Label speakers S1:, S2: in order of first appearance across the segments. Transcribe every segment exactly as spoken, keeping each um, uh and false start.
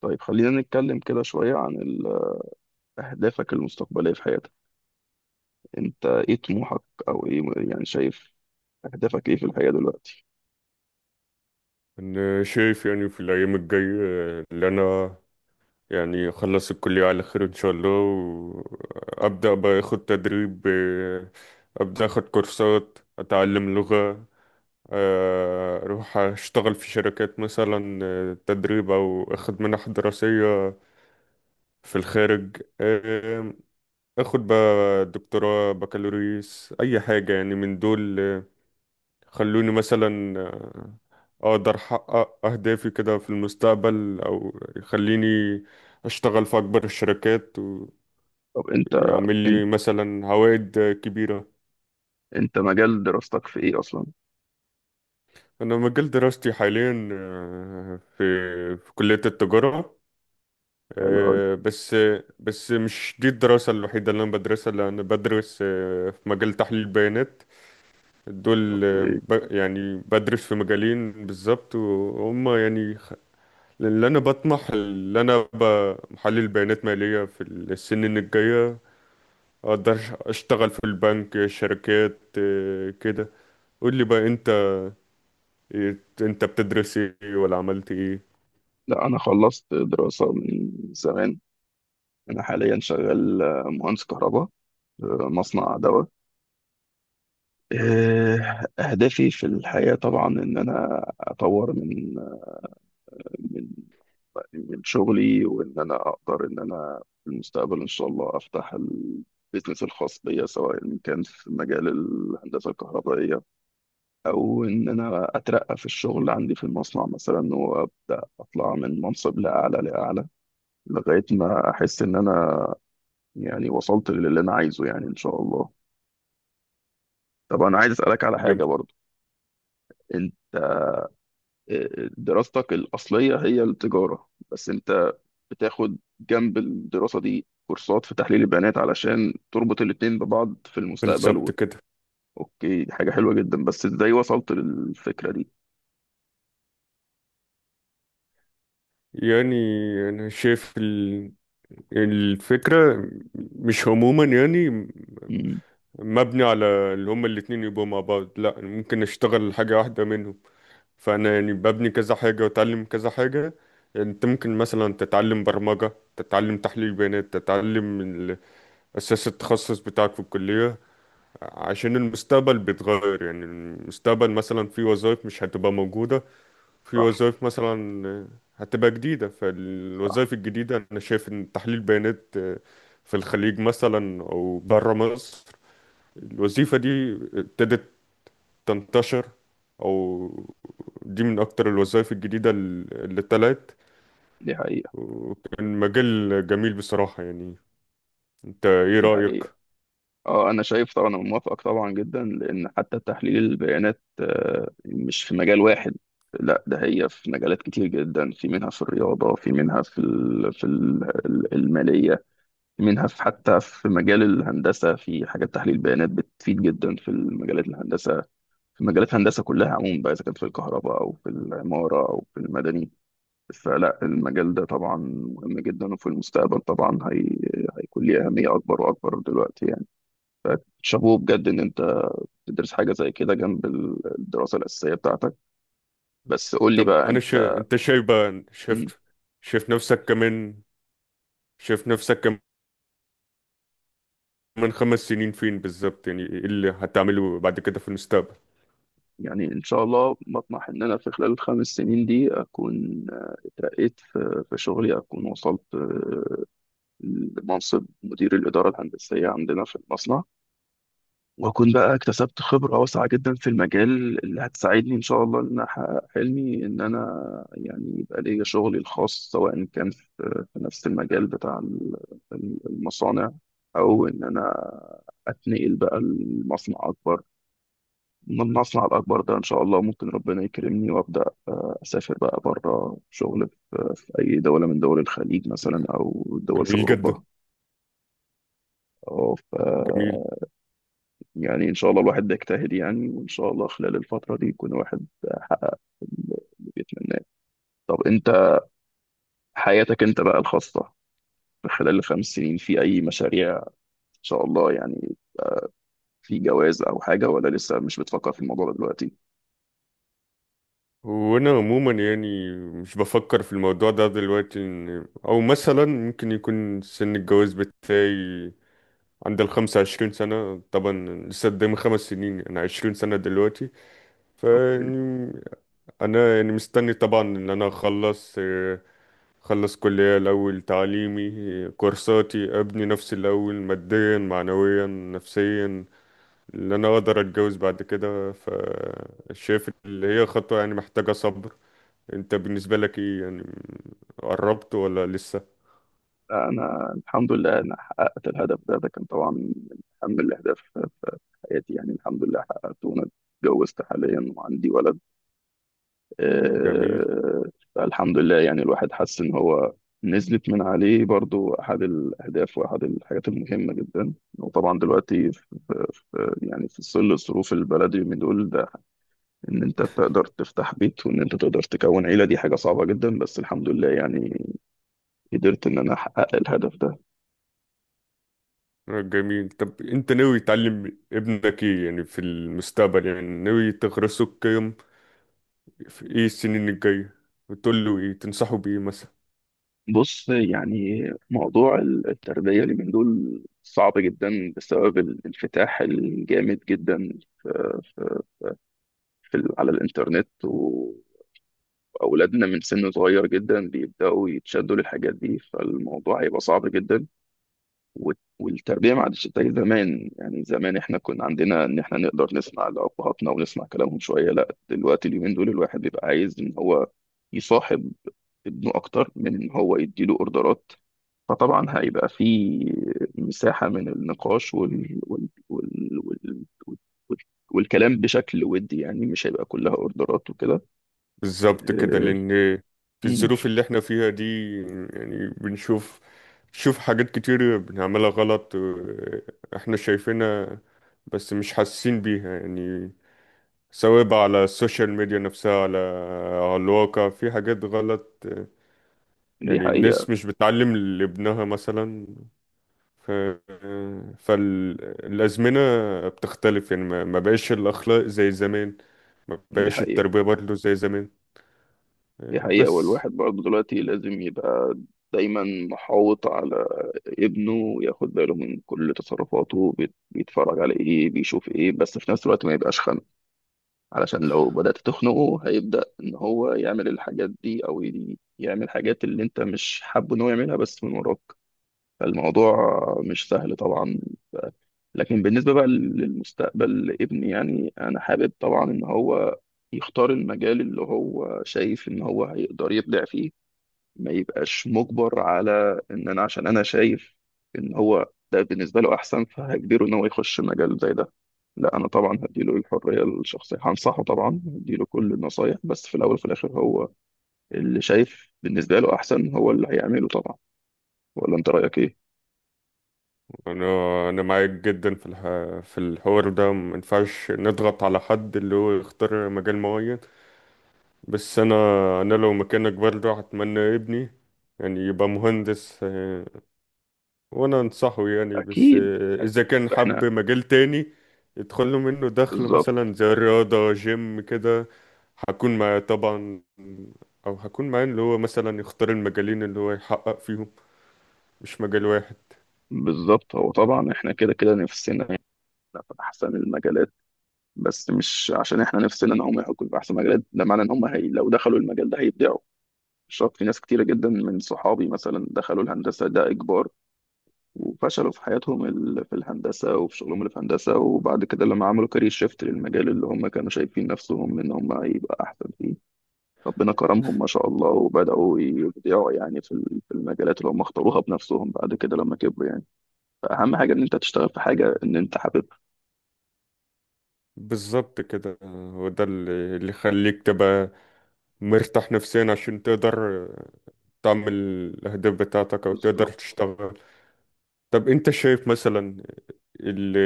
S1: طيب، خلينا نتكلم كده شوية عن ال- أهدافك المستقبلية في حياتك. أنت إيه طموحك؟ أو إيه يعني، شايف أهدافك إيه في الحياة دلوقتي؟
S2: أنا شايف يعني في الأيام الجاية اللي أنا يعني أخلص الكلية على خير إن شاء الله وأبدأ بقى أخد تدريب، آه، أبدأ أخد كورسات أتعلم لغة. آه، أروح أشتغل في شركات مثلا، آه، تدريب أو أخد منح دراسية في الخارج. آه، أخد بقى دكتوراه بكالوريوس أي حاجة يعني من دول. خلوني مثلا آه، اقدر احقق اهدافي كده في المستقبل او يخليني اشتغل في اكبر الشركات
S1: طب أنت
S2: ويعمل لي
S1: أنت
S2: مثلا عوائد كبيرة.
S1: أنت مجال دراستك في إيه أصلا؟
S2: انا مجال دراستي حاليا آه، في في كلية التجارة.
S1: حلو أوي.
S2: آه، بس بس مش دي الدراسة الوحيدة اللي انا بدرسها، لأ، انا بدرس آه، في مجال تحليل البيانات دول. آه،
S1: أوكي.
S2: ب- يعني بدرس في مجالين بالظبط وهم يعني لان انا بطمح ان انا ابقى محلل بيانات ماليه في السنين الجايه، اقدر اشتغل في البنك شركات إيه، كده. قول لي بقى انت إيه، انت بتدرس ايه ولا عملت ايه؟
S1: لا، أنا خلصت دراسة من زمان. أنا حاليا شغال مهندس كهرباء في مصنع دواء. إيه، أهدافي في الحياة طبعا إن أنا أطور من من شغلي، وان انا اقدر ان انا في المستقبل ان شاء الله افتح البيزنس الخاص بيا، سواء إن كان في مجال الهندسه الكهربائيه، او ان انا اترقى في الشغل عندي في المصنع مثلا وابدا اطلع من منصب لاعلى لاعلى لغايه ما احس ان انا يعني وصلت للي انا عايزه، يعني ان شاء الله. طب انا عايز اسالك على حاجه
S2: ب-
S1: برضو. انت آه، دراستك الاصليه هي التجاره، بس انت بتاخد جنب الدراسة دي كورسات في تحليل البيانات علشان تربط الاتنين ببعض في المستقبل
S2: بالظبط
S1: و...
S2: كده.
S1: اوكي، دي حاجة حلوة جدا، بس ازاي وصلت للفكرة دي؟
S2: يعني انا شايف ال- الفكره مش عموما، يعني
S1: مم.
S2: مبني على اللي هما الاتنين يبقوا مع بعض، لا ممكن اشتغل حاجه واحده منهم. فانا يعني ببني كذا حاجه واتعلم كذا حاجه، يعني انت ممكن مثلا تتعلم برمجه، تتعلم تحليل بيانات، تتعلم ال- اساس التخصص بتاعك في الكليه. عشان المستقبل بيتغير، يعني المستقبل مثلا في وظائف مش هتبقى موجوده، في
S1: صح.
S2: وظائف مثلا هتبقى جديده.
S1: صح.
S2: فالوظائف الجديده انا شايف ان تحليل بيانات في الخليج مثلا او بره مصر، الوظيفه دي ابتدت تنتشر. او دي من اكتر الوظائف الجديدة ال- اللي طلعت،
S1: دي حقيقة.
S2: وكان مجال جميل بصراحة. يعني انت ايه
S1: دي
S2: رأيك؟
S1: حقيقة. اه، انا شايف طبعا، انا موافقك طبعا جدا، لان حتى تحليل البيانات آه، مش في مجال واحد. لا ده هي في مجالات كتير جدا، في منها في الرياضة، في منها في ال... في ال- المالية، منها في حتى في مجال الهندسة، في حاجات تحليل بيانات بتفيد جدا في المجالات الهندسة، في مجالات الهندسة كلها عموما بقى، إذا كان في الكهرباء أو في العمارة أو في المدني. فلا، المجال ده طبعا مهم جدا، وفي المستقبل طبعا هي... هيكون ليه أهمية أكبر وأكبر دلوقتي يعني. شابوه بجد إن أنت تدرس حاجة زي كده جنب الدراسة الأساسية بتاعتك. بس قول لي
S2: طب
S1: بقى
S2: انا شا...
S1: أنت.
S2: انت شايف بقى، شايف
S1: مم.
S2: شايف نفسك كمان شايف نفسك كمان خمس سنين فين بالظبط؟ يعني ايه اللي هتعمله بعد كده في المستقبل؟
S1: يعني إن شاء الله بطمح إن أنا في خلال الخمس سنين دي أكون اترقيت في في شغلي، أكون وصلت منصب مدير الإدارة الهندسية عندنا في المصنع، وأكون بقى اكتسبت خبرة واسعة جدا في المجال اللي هتساعدني إن شاء الله إن أحقق حلمي إن أنا يعني يبقى ليا شغلي الخاص، سواء كان في في نفس المجال بتاع ال- ال- المصانع، أو إن أنا أتنقل بقى لمصنع أكبر من المصنع الأكبر ده. إن شاء الله ممكن ربنا يكرمني وأبدأ آه، أسافر بقى بره شغل في في أي دولة من دول الخليج مثلا أو دول في
S2: جميل جدا.
S1: أوروبا أو في
S2: جميل.
S1: يعني إن شاء الله الواحد بيجتهد يعني، وإن شاء الله خلال الفترة دي يكون الواحد حقق اللي بيتمناه. طب أنت، حياتك أنت بقى الخاصة في خلال الخمس سنين في أي مشاريع إن شاء الله يعني، في جواز أو حاجة، ولا لسه مش بتفكر في الموضوع ده دلوقتي؟
S2: وانا عموما يعني مش بفكر في الموضوع ده دلوقتي، إن- او مثلا ممكن يكون سن الجواز بتاعي عند ال خمس وعشرين سنة طبعا، لسه قدامي خمس سنين، أنا عشرين سنة دلوقتي.
S1: أوكي.
S2: فيعني أنا يعني مستني طبعا إن أنا أخلص، آه، أخلص كلية الأول تعليمي، آه، كورساتي، أبني نفسي الأول ماديا معنويا نفسيا إن أنا أقدر أتجوز بعد كده. فشايف اللي هي خطوة يعني محتاجة صبر. أنت بالنسبة لك إيه يعني؟ قربت ولا لسه؟
S1: أنا الحمد لله أنا حققت الهدف ده. ده كان طبعا من أهم الأهداف في في حياتي، يعني الحمد لله حققته، وأنا اتجوزت حاليا وعندي ولد.
S2: جميل.
S1: آه، فالحمد لله يعني الواحد حس ان هو نزلت من عليه برضو احد الاهداف، واحد الحاجات المهمه جدا. وطبعا دلوقتي في في- يعني في ظل الظروف البلدي من دول ده ان انت تقدر تفتح بيت وان انت تقدر تكون عيله، دي حاجه صعبه جدا، بس الحمد لله يعني قدرت ان انا احقق الهدف ده.
S2: جميل. طب انت ناوي تعلم ابنك ايه يعني في المستقبل؟ يعني ناوي تغرسه القيم في ايه السنين الجاية، وتقول له ايه؟ تنصحه بايه مثلا؟
S1: بص يعني موضوع التربيه اللي من دول صعب جدا بسبب الانفتاح الجامد جدا في في- على الانترنت، واولادنا من سن صغير جدا بيبداوا يتشدوا للحاجات دي، فالموضوع هيبقى صعب جدا. وال- والتربيه ما عادش زي زمان، يعني زمان احنا كنا عندنا ان احنا نقدر نسمع لابهاتنا ونسمع كلامهم شويه، لا دلوقتي اليومين دول الواحد بيبقى عايز ان هو يصاحب ابنه اكتر من ان هو يديله اوردرات. فطبعا هيبقى في مساحه من النقاش وال... وال... وال... وال... وال... والكلام بشكل ودي، يعني مش هيبقى كلها اوردرات وكده.
S2: بالظبط كده،
S1: أه...
S2: لان في
S1: مم،
S2: الظروف اللي احنا فيها دي، يعني بنشوف بنشوف حاجات كتير بنعملها غلط. اه، احنا شايفينها بس مش حاسين بيها، يعني سواء بقى على السوشيال ميديا نفسها، على على الواقع في حاجات غلط. اه،
S1: دي
S2: يعني الناس
S1: حقيقة.
S2: مش بتعلم لابنها مثلا. ف... فالأزمنة بتختلف، يعني ما ما بقاش الأخلاق زي زمان، ما
S1: دي
S2: بقاش
S1: حقيقة.
S2: التربية برضه زي زمان.
S1: دي حقيقة،
S2: بس
S1: والواحد برضه دلوقتي لازم يبقى دايما محاوط على ابنه، وياخد باله من كل تصرفاته، بيت- بيتفرج على ايه، بيشوف ايه، بس في نفس الوقت ما يبقاش خانق، علشان لو بدأت تخنقه هيبدأ ان هو يعمل الحاجات دي، او ي- يعمل حاجات اللي انت مش حابه ان هو يعملها بس من وراك. فالموضوع مش سهل طبعا. لكن بالنسبة بقى للمستقبل لابني، يعني أنا حابب طبعا إن هو يختار المجال اللي هو شايف إن هو هيقدر يبدع فيه، ما يبقاش مجبر، على إن أنا عشان أنا شايف إن هو ده بالنسبة له أحسن فهجبره إن هو يخش مجال زي ده. لا، أنا طبعا هديله الحرية الشخصية، هنصحه طبعا، هديله كل النصايح، بس في الأول وفي الآخر هو اللي شايف بالنسبة له أحسن هو اللي هيعمله طبعا. ولا أنت رأيك إيه؟
S2: أنا أنا معاك جدا في الح... في الحوار ده. ما ينفعش نضغط على حد اللي هو يختار مجال معين. بس أنا أنا لو مكانك برضه هتمنى ابني يعني يبقى مهندس. وانا انصحه يعني بس،
S1: أكيد.
S2: آه، اذا
S1: أكيد.
S2: كان
S1: إحنا.
S2: حب مجال تاني يدخل له منه دخل
S1: بالظبط.
S2: مثلا زي الرياضة جيم كده، هكون معاه طبعا. او هكون معاه اللي هو مثلا يختار المجالين اللي هو يحقق فيهم، مش مجال واحد.
S1: بالظبط. هو طبعا احنا كده كده نفسنا يبقى في احسن المجالات، بس مش عشان احنا نفسنا ان هم يحققوا في احسن مجالات ده معنى ان هم هي لو دخلوا المجال ده هيبدعوا، مش شرط. في ناس كتيره جدا من صحابي مثلا دخلوا الهندسه ده اجبار وفشلوا في حياتهم ال- في الهندسه وفي شغلهم اللي في هندسه، وبعد كده لما عملوا كارير شيفت للمجال اللي هم كانوا شايفين نفسهم ان هم هيبقى احسن فيه، ربنا كرمهم ما شاء الله وبداوا يبدعوا يعني في ال- في المجالات اللي هم اختاروها بنفسهم بعد كده لما كبروا يعني. فأهم حاجة إن أنت تشتغل في حاجة إن أنت حاببها.
S2: بالظبط كده. آه، هو ده اللي اللي يخليك تبقى مرتاح نفسيا عشان تقدر آه، تعمل الأهداف بتاعتك أو تقدر
S1: بالظبط.
S2: تشتغل. طب أنت شايف مثلا ال-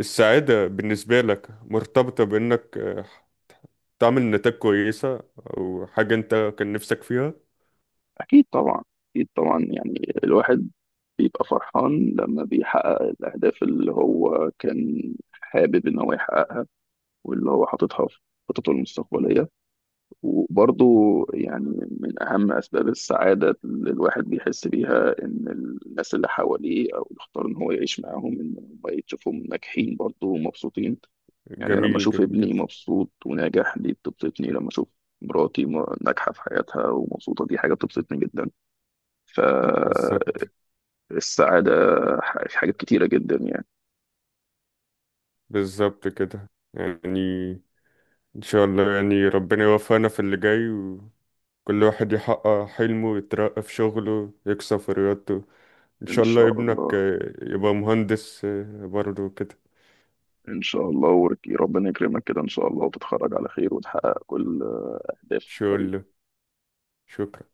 S2: السعادة بالنسبة لك مرتبطة بإنك، آه، تعمل نتائج كويسة أو حاجة أنت كان نفسك فيها؟
S1: أكيد طبعا. أكيد طبعا يعني الواحد بيبقى فرحان لما بيحقق الأهداف اللي هو كان حابب إن هو يحققها، واللي هو حاططها في خططه المستقبلية. وبرضه يعني، من أهم أسباب السعادة اللي الواحد بيحس بيها إن الناس اللي حواليه أو اللي اختار إن هو يعيش معاهم إن هم يشوفهم ناجحين برضه ومبسوطين. يعني لما
S2: جميل.
S1: أشوف
S2: جميل
S1: ابني
S2: جدا.
S1: مبسوط وناجح دي بتبسطني، لما أشوف مراتي م- ناجحة في حياتها ومبسوطة دي حاجة بتبسطني جدا.
S2: بالظبط
S1: فالسعادة ح- في حاجات كتيرة جدا يعني.
S2: بالظبط كده يعني إن شاء الله، يعني ربنا يوفقنا في اللي جاي وكل واحد يحقق حلمه، يترقى في شغله، يكسب في رياضته. إن
S1: إن
S2: شاء الله
S1: شاء
S2: ابنك
S1: الله.
S2: آه، يبقى مهندس آه، برضه كده.
S1: إن شاء الله وربنا يكرمك كده إن شاء الله، وتتخرج على خير وتحقق كل
S2: إن شاء
S1: أهدافك.
S2: الله. شكرا.